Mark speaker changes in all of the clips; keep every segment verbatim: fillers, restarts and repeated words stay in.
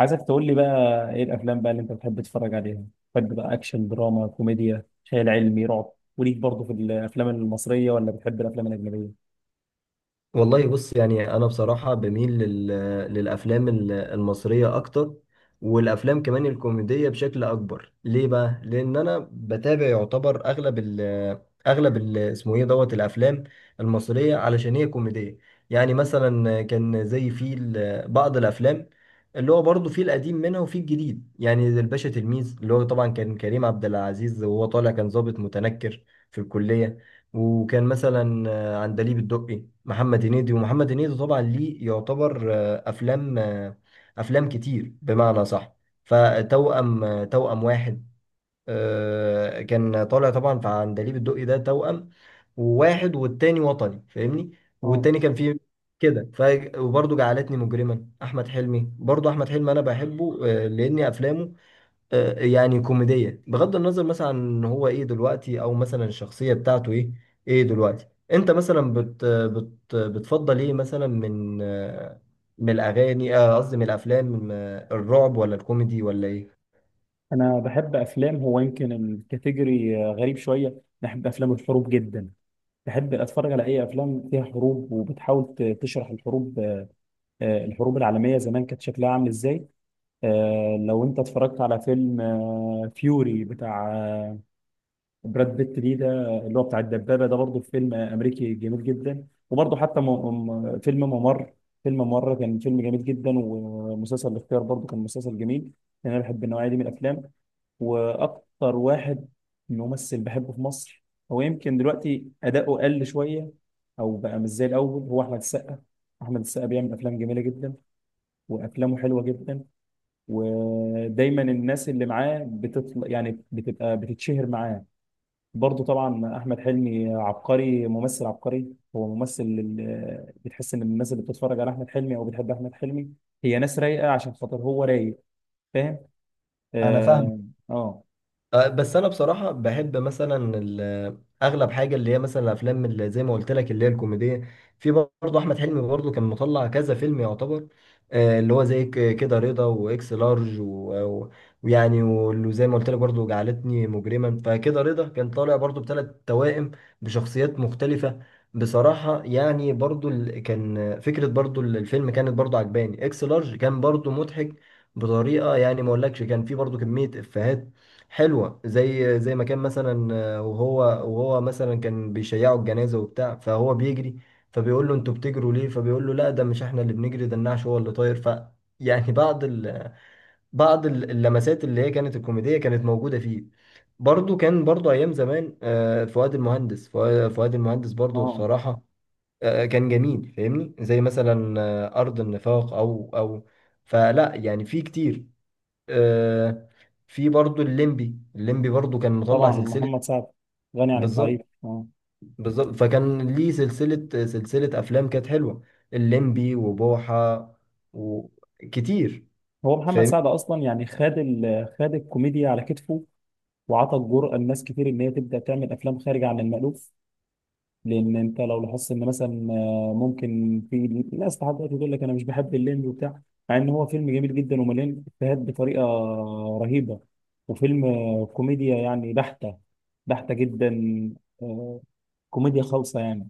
Speaker 1: عايزك تقول لي بقى ايه الافلام بقى اللي انت بتحب تتفرج عليها؟ بتحب بقى اكشن، دراما، كوميديا، خيال علمي، رعب؟ وليك برضه في الافلام المصريه ولا بتحب الافلام الاجنبيه؟
Speaker 2: والله بص يعني انا بصراحه بميل لل... للافلام ال- المصريه اكتر. والافلام كمان الكوميديه بشكل اكبر، ليه بقى؟ لان انا بتابع يعتبر اغلب ال... اغلب ال... اسمه ايه دوت الافلام المصريه، علشان هي كوميديه. يعني مثلا كان زي في ال- بعض الافلام، اللي هو برضه في القديم منها وفي الجديد، يعني زي الباشا تلميذ، اللي هو طبعا كان كريم عبد العزيز، وهو طالع كان ضابط متنكر في الكليه. وكان مثلا عندليب الدقي، محمد هنيدي ومحمد هنيدي طبعا ليه يعتبر آه، افلام آه، افلام كتير بمعنى صح. فتوأم آه، توأم واحد. آه، كان طالع طبعا في عندليب الدقي ده توأم، وواحد والتاني وطني فاهمني،
Speaker 1: اه،
Speaker 2: والتاني كان فيه كده ف وبرضه جعلتني مجرما، احمد حلمي، برضه احمد حلمي انا بحبه، آه، لان افلامه آه، يعني كوميدية، بغض النظر مثلا عن ان هو ايه دلوقتي او مثلا الشخصية بتاعته ايه. ايه دلوقتي انت مثلا بت بت بتفضل ايه مثلا، من آه، من الاغاني، آه، قصدي من الافلام، من آه، الرعب ولا الكوميدي ولا ايه؟
Speaker 1: انا بحب افلام، هو يمكن الكاتيجوري غريب شويه، بحب افلام الحروب جدا. بحب اتفرج على اي افلام فيها حروب وبتحاول ت- تشرح الحروب، آه، الحروب العالميه زمان كانت شكلها عامل ازاي. آه، لو انت اتفرجت على فيلم آه، فيوري بتاع آه، براد بيت دي ده، اللي هو بتاع الدبابة ده، برضه فيلم أمريكي جميل جدا. وبرضه حتى م... م... فيلم ممر، فيلم ممر كان فيلم جميل جدا. ومسلسل الاختيار برضه كان مسلسل جميل، لأن أنا بحب النوعية دي من الأفلام. وأكتر واحد ممثل بحبه في مصر، هو يمكن دلوقتي أداؤه قل شوية أو بقى مش زي الأول، هو أحمد السقا. أحمد السقا بيعمل أفلام جميلة جدا، وأفلامه حلوة جدا، ودايما الناس اللي معاه بتطلع يعني بتبقى بتتشهر معاه. برضه طبعا احمد حلمي عبقري، ممثل عبقري، هو ممثل ال- بتحس ان الناس اللي بتتفرج على احمد حلمي او بتحب احمد حلمي هي ناس رايقه عشان خاطر هو رايق. فاهم؟
Speaker 2: انا فاهم.
Speaker 1: اه. اه.
Speaker 2: آه، بس انا بصراحه بحب مثلا ال- اغلب حاجه اللي هي مثلا الافلام اللي زي ما قلت لك، اللي هي الكوميديه. في برضه احمد حلمي، برضه كان مطلع كذا فيلم يعتبر، آه، اللي هو زي ك- كده رضا واكس لارج و- و- ويعني، واللي زي ما قلت لك برضه جعلتني مجرما. فكده رضا كان طالع برضه بثلاث توائم بشخصيات مختلفه، بصراحه. يعني برضه ال- كان فكره برضه الفيلم كانت برضه عجباني. اكس لارج كان برضه مضحك بطريقه، يعني ما اقولكش، كان في برضه كميه افيهات حلوه. زي زي ما كان مثلا، آه، وهو وهو مثلا كان بيشيعوا الجنازه وبتاع، فهو بيجري، فبيقول له انتوا بتجروا ليه، فبيقول له لا ده مش احنا اللي بنجري، ده النعش هو اللي طاير. ف يعني بعض ال... بعض ال- اللمسات اللي هي كانت الكوميديه كانت موجوده فيه. برضو كان برضو ايام زمان، آه، فؤاد المهندس فؤا- فؤاد المهندس برضو
Speaker 1: آه.
Speaker 2: بصراحه آه، كان جميل فاهمني، زي مثلا آه، ارض النفاق او او فلا، يعني في كتير. آه، في برضو الليمبي، الليمبي برضو كان مطلع
Speaker 1: طبعا
Speaker 2: سلسلة.
Speaker 1: محمد سعد غني عن التعريف،
Speaker 2: بالظبط،
Speaker 1: اه.
Speaker 2: بالظبط. فكان ليه سلسلة سلسلة أفلام كانت حلوة، الليمبي وبوحة وكتير.
Speaker 1: هو محمد
Speaker 2: فاهم.
Speaker 1: سعد اصلا يعني خد ال- خد الكوميديا على كتفه، وعطى الجرأة لناس كتير ان هي تبدا تعمل افلام خارجه عن المألوف. لان انت لو لاحظت ان مثلا آه، ممكن في ناس لحد دلوقتي تقول لك انا مش بحب الليمبي وبتاع، مع ان هو فيلم جميل جدا ومليان افيهات بطريقه رهيبه، وفيلم آه، كوميديا يعني بحته، بحته جدا. آه، كوميديا خالصه يعني.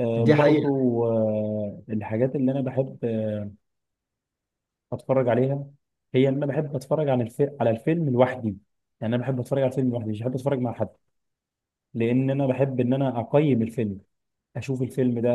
Speaker 1: آه،
Speaker 2: دي حقيقة.
Speaker 1: برضو آه، الحاجات اللي انا بحب آه، اتفرج عليها، هي ان انا بحب اتفرج على الفيلم، على الفيلم لوحدي. يعني انا بحب اتفرج على الفيلم لوحدي، مش بحب اتفرج مع حد، لان انا بحب ان انا اقيم الفيلم، اشوف الفيلم ده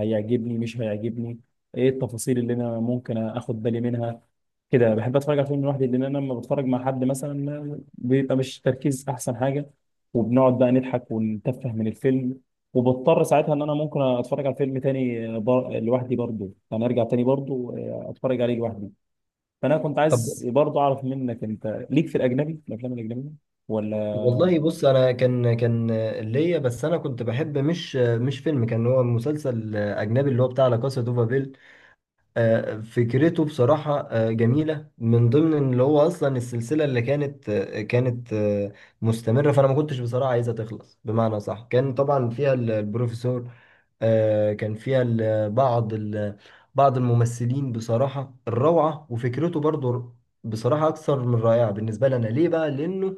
Speaker 1: هيعجبني مش هيعجبني، ايه التفاصيل اللي انا ممكن اخد بالي منها. كده بحب اتفرج على فيلم لوحدي، لان انا لما بتفرج مع حد مثلا بيبقى مش تركيز احسن حاجه، وبنقعد بقى نضحك ونتفه من الفيلم. وبضطر ساعتها ان انا ممكن اتفرج على فيلم تاني بر... لوحدي برضه، يعني ارجع تاني برضه اتفرج عليه لوحدي. فانا كنت
Speaker 2: طب
Speaker 1: عايز برضه اعرف منك انت ليك في الاجنبي الافلام الاجنبيه ولا؟
Speaker 2: والله بص، أنا كان كان ليا، بس أنا كنت بحب مش مش فيلم، كان هو مسلسل أجنبي اللي هو بتاع لا كاسا دو بابيل. آه، فكرته بصراحة آه، جميلة، من ضمن اللي هو أصلا السلسلة اللي كانت آه، كانت آه، مستمرة. فأنا ما كنتش بصراحة عايزها تخلص بمعنى صح. كان طبعا فيها ال- البروفيسور، آه، كان فيها ال- بعض ال- بعض الممثلين بصراحة الروعة، وفكرته برضو ر- بصراحة أكثر من رائعة بالنسبة لنا. ليه بقى؟ لأنه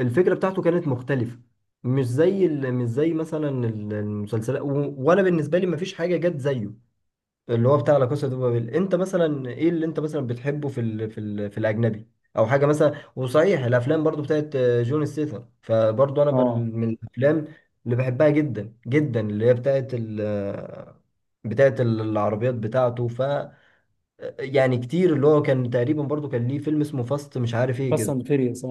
Speaker 2: الفكرة بتاعته كانت مختلفة، مش زي ال- مش زي مثلا ال- المسلسلات، و- وأنا بالنسبة لي مفيش حاجة جت زيه، اللي هو بتاع لا كاسا دي بابيل. انت مثلا ايه اللي انت مثلا بتحبه في ال في ال في الاجنبي، او حاجه مثلا؟ وصحيح الافلام برضو بتاعت آه، جون ستيثم، فبرضو انا
Speaker 1: اه،
Speaker 2: بال- من الافلام اللي بحبها جدا جدا، اللي هي بتاعت ال آه، بتاعت ال- العربيات بتاعته. ف آه، يعني كتير، اللي هو كان تقريبا برضو كان ليه فيلم اسمه فاست، مش عارف ايه
Speaker 1: فاست
Speaker 2: كده.
Speaker 1: اند فيريوس.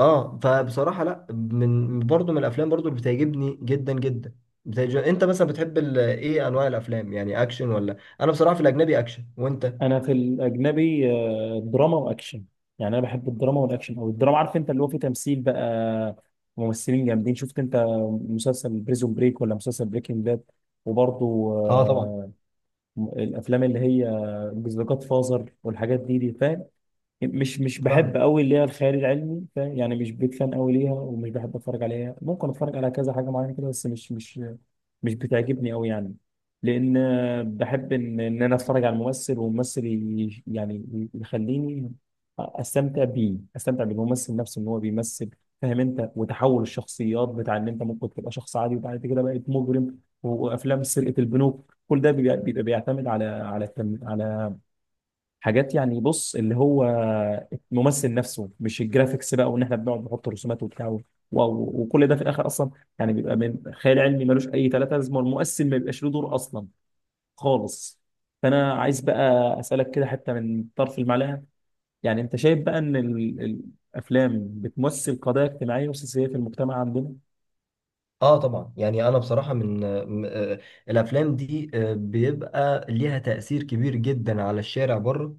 Speaker 2: اه، فبصراحه لا، من برضو من الافلام برضو اللي بتعجبني جدا جدا. بتعجب... انت مثلا بتحب ال... ايه انواع الافلام، يعني اكشن ولا؟ انا بصراحه في الاجنبي اكشن، وانت؟
Speaker 1: انا في الاجنبي آه، دراما واكشن، يعني انا بحب الدراما والاكشن، او الدراما عارف انت اللي هو فيه تمثيل بقى، ممثلين جامدين. شفت انت مسلسل بريزون بريك ولا مسلسل بريكنج باد؟ وبرضه
Speaker 2: اه طبعا.
Speaker 1: آه، الافلام اللي هي ذا جاد فازر والحاجات دي دي، فاهم؟ مش مش بحب
Speaker 2: فاهمك.
Speaker 1: قوي اللي هي الخيال العلمي، فاهم يعني؟ مش بيك فان قوي ليها ومش بحب اتفرج عليها، ممكن اتفرج على كذا حاجه معينه كده، بس مش مش مش بتعجبني قوي يعني. لان آه، بحب ان ان انا اتفرج على الممثل، والممثل ي- يعني يخليني استمتع بيه، استمتع بالممثل نفسه ان هو بيمثل. فاهم انت؟ وتحول الشخصيات بتاع، ان انت ممكن تبقى شخص عادي وبعد كده بقيت مجرم، وافلام سرقه البنوك، كل ده بيبقى بيبقى بيعتمد على على التم- على حاجات، يعني بص اللي هو الممثل نفسه مش الجرافيكس بقى، وان احنا بنقعد نحط رسومات وبتاع و- و- وكل ده في الاخر اصلا يعني بيبقى من خيال علمي ملوش اي ثلاثه لازمه، والمؤثر ما بيبقاش له دور اصلا خالص. فانا عايز بقى اسالك كده حتى من طرف المعلقه، يعني انت شايف بقى ان ال- الافلام بتمثل قضايا اجتماعيه وسياسيه في المجتمع عندنا؟
Speaker 2: اه طبعا، يعني انا بصراحه من م- آه، الافلام دي آه، بيبقى ليها تاثير كبير جدا على الشارع بره.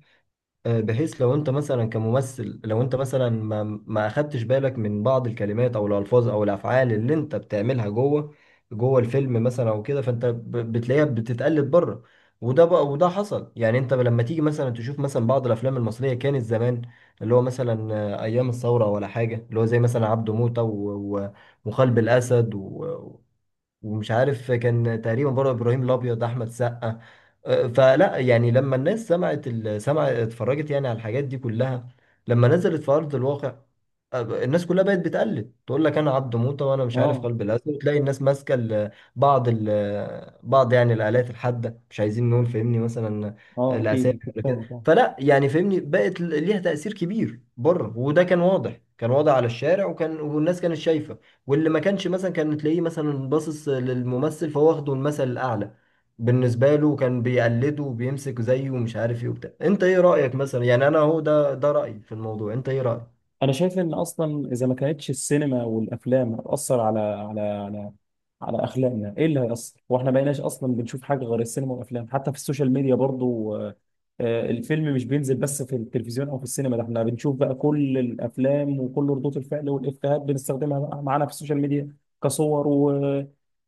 Speaker 2: آه، بحيث لو انت مثلا كممثل، لو انت مثلا ما ما اخدتش بالك من بعض الكلمات او الالفاظ او الافعال اللي انت بتعملها جوه جوه الفيلم مثلا او كده، فانت ب- بتلاقيها بتتقلد بره. وده بقى وده حصل. يعني انت لما تيجي مثلا تشوف مثلا بعض الافلام المصريه كانت زمان، اللي هو مثلا آه، ايام الثوره ولا حاجه، اللي هو زي مثلا عبده موته، و- و- وخلب الاسد، و- ومش عارف، كان تقريبا برضه ابراهيم الابيض، احمد سقا. فلا يعني لما الناس سمعت ال- سمع اتفرجت يعني على الحاجات دي كلها، لما نزلت في ارض الواقع، الناس كلها بقت بتقلد، تقول لك انا عبد موته، وانا مش عارف
Speaker 1: اه.
Speaker 2: قلب الاسد، وتلاقي الناس ماسكه ال- بعض ال- بعض يعني الالات الحاده، مش عايزين نقول، فهمني مثلا،
Speaker 1: اه اكيد،
Speaker 2: الاسامي
Speaker 1: اكيد
Speaker 2: ولا كده.
Speaker 1: فاهمك.
Speaker 2: فلا يعني فهمني بقت ليها تاثير كبير بره، وده كان واضح، كان واضح على الشارع. وكان والناس كانت شايفه، واللي ما كانش مثلا كان تلاقيه مثلا باصص للممثل، فهو واخده المثل الاعلى بالنسبة له، كان بيقلده وبيمسك زيه ومش عارف ايه وبتاع. انت ايه رأيك مثلا؟ يعني انا هو ده ده رأيي في الموضوع، انت ايه رأيك؟
Speaker 1: انا شايف ان اصلا اذا ما كانتش السينما والافلام هتاثر على على على على اخلاقنا، ايه اللي هيأثر؟ واحنا بقيناش اصلا بنشوف حاجه غير السينما والافلام، حتى في السوشيال ميديا برضو. آه، آه، الفيلم مش بينزل بس في التلفزيون او في السينما، ده احنا بنشوف بقى كل الافلام وكل ردود الفعل والافيهات بنستخدمها بقى معانا في السوشيال ميديا، كصور و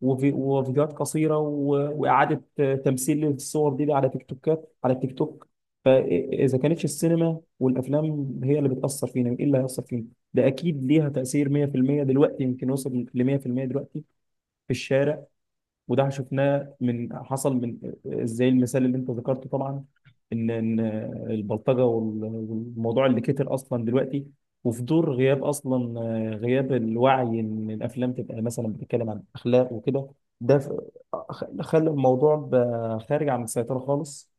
Speaker 1: وفي- وفيديوهات قصيره و- واعاده آه، تمثيل للصور دي على تيك توكات، على تيك توك. فاذا كانتش السينما والافلام هي اللي بتاثر فينا، ايه اللي هيأثر فينا؟ ده اكيد ليها تاثير مئة في المئة، دلوقتي يمكن وصل ل مئة في المئة دلوقتي في الشارع. وده شفناه من حصل من زي المثال اللي انت ذكرته طبعا، ان ان البلطجه وال- والموضوع اللي كتر اصلا دلوقتي، وفي دور غياب اصلا، غياب الوعي ان الافلام تبقى مثلا بتتكلم عن اخلاق وكده، ده ف- خلى الموضوع بقى خارج عن السيطره خالص.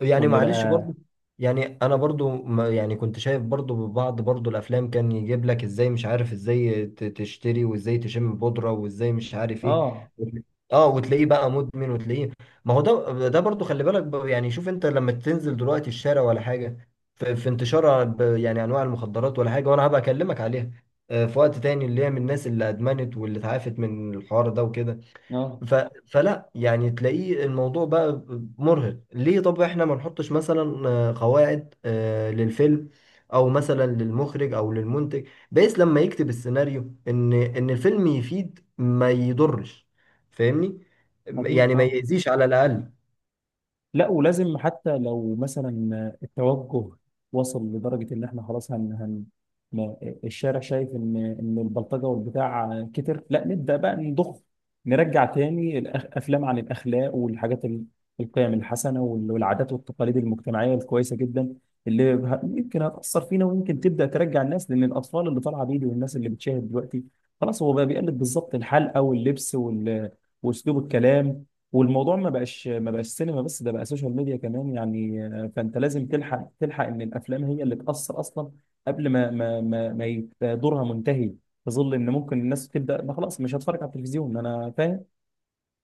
Speaker 2: يعني
Speaker 1: وان
Speaker 2: معلش
Speaker 1: بقى
Speaker 2: برضو، يعني انا برضو، ما يعني، كنت شايف برضو بعض برضو الافلام كان يجيب لك ازاي، مش عارف ازاي ت- تشتري، وازاي تشم بودرة، وازاي مش عارف ايه،
Speaker 1: اه.
Speaker 2: وتل- اه وتلاقيه بقى مدمن وتلاقيه. ما هو ده ده برضو، خلي بالك، ب- يعني شوف انت لما تنزل دلوقتي الشارع ولا حاجة، في, في انتشار، ب- يعني انواع المخدرات ولا حاجة. وانا هبقى اكلمك عليها آه، في وقت تاني، اللي هي من الناس اللي ادمنت واللي اتعافت من الحوار ده وكده.
Speaker 1: اه
Speaker 2: ف... فلا يعني تلاقيه الموضوع بقى مرهق. ليه طب احنا ما نحطش مثلا آه، قواعد آه، للفيلم، او مثلا للمخرج او للمنتج، بحيث لما يكتب السيناريو ان ان الفيلم يفيد ما يضرش، فاهمني؟ يعني
Speaker 1: اكيد
Speaker 2: ما
Speaker 1: اه.
Speaker 2: يأذيش على الاقل.
Speaker 1: لا ولازم، حتى لو مثلا التوجه وصل لدرجة إن إحنا خلاص هن هن ما- الشارع شايف إن إن البلطجة والبتاع كتر، لا نبدأ بقى نضخ، نرجع تاني الأفلام عن الأخلاق والحاجات ال- القيم الحسنة وال- والعادات والتقاليد المجتمعية الكويسة جدا، اللي ه- يمكن هتأثر فينا ويمكن تبدأ ترجع الناس. لأن الأطفال اللي طالعة بيدي والناس اللي بتشاهد دلوقتي خلاص هو بقى بيقلد بالظبط الحلقة واللبس وال- وأسلوب الكلام. والموضوع ما بقاش ما بقاش سينما بس، ده بقى سوشيال ميديا كمان يعني. آه، فانت لازم تلحق، تلحق ان الافلام هي اللي تاثر اصلا قبل ما ما ما, ما يبقى دورها منتهي، في ظل ان ممكن الناس تبدا ما خلاص مش هتفرج على التلفزيون. انا فاهم،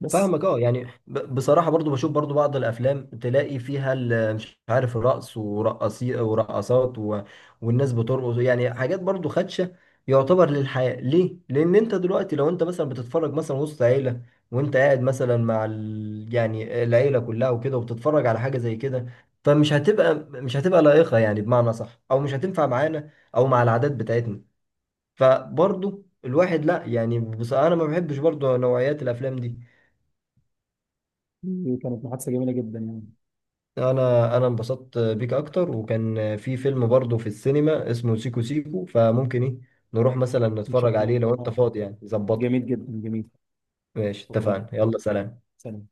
Speaker 1: بس
Speaker 2: فاهمك. اه يعني ب- بصراحة، برضو بشوف برضو بعض الأفلام تلاقي فيها ال- مش عارف رقص ورقصي ورقصات و... والناس بترقص، يعني حاجات برضو خدشة يعتبر للحياة. ليه؟ لأن أنت دلوقتي لو أنت مثلا بتتفرج مثلا وسط عيلة، وأنت قاعد مثلا مع ال... يعني العيلة كلها وكده، وبتتفرج على حاجة زي كده، فمش هتبقى مش هتبقى لائقة يعني بمعنى صح، أو مش هتنفع معانا أو مع العادات بتاعتنا. فبرضو الواحد، لا يعني، بص، أنا ما بحبش برضو نوعيات الأفلام دي.
Speaker 1: دي كانت محادثه جميله جدا يعني.
Speaker 2: انا انا انبسطت بيك اكتر. وكان في فيلم برضه في السينما اسمه سيكو سيكو، فممكن ايه نروح مثلا
Speaker 1: ان شاء
Speaker 2: نتفرج
Speaker 1: الله
Speaker 2: عليه لو انت
Speaker 1: اه.
Speaker 2: فاضي يعني ظبطها؟
Speaker 1: جميل جدا، جميل.
Speaker 2: ماشي
Speaker 1: شكرا،
Speaker 2: اتفقنا. يلا سلام.
Speaker 1: سلام.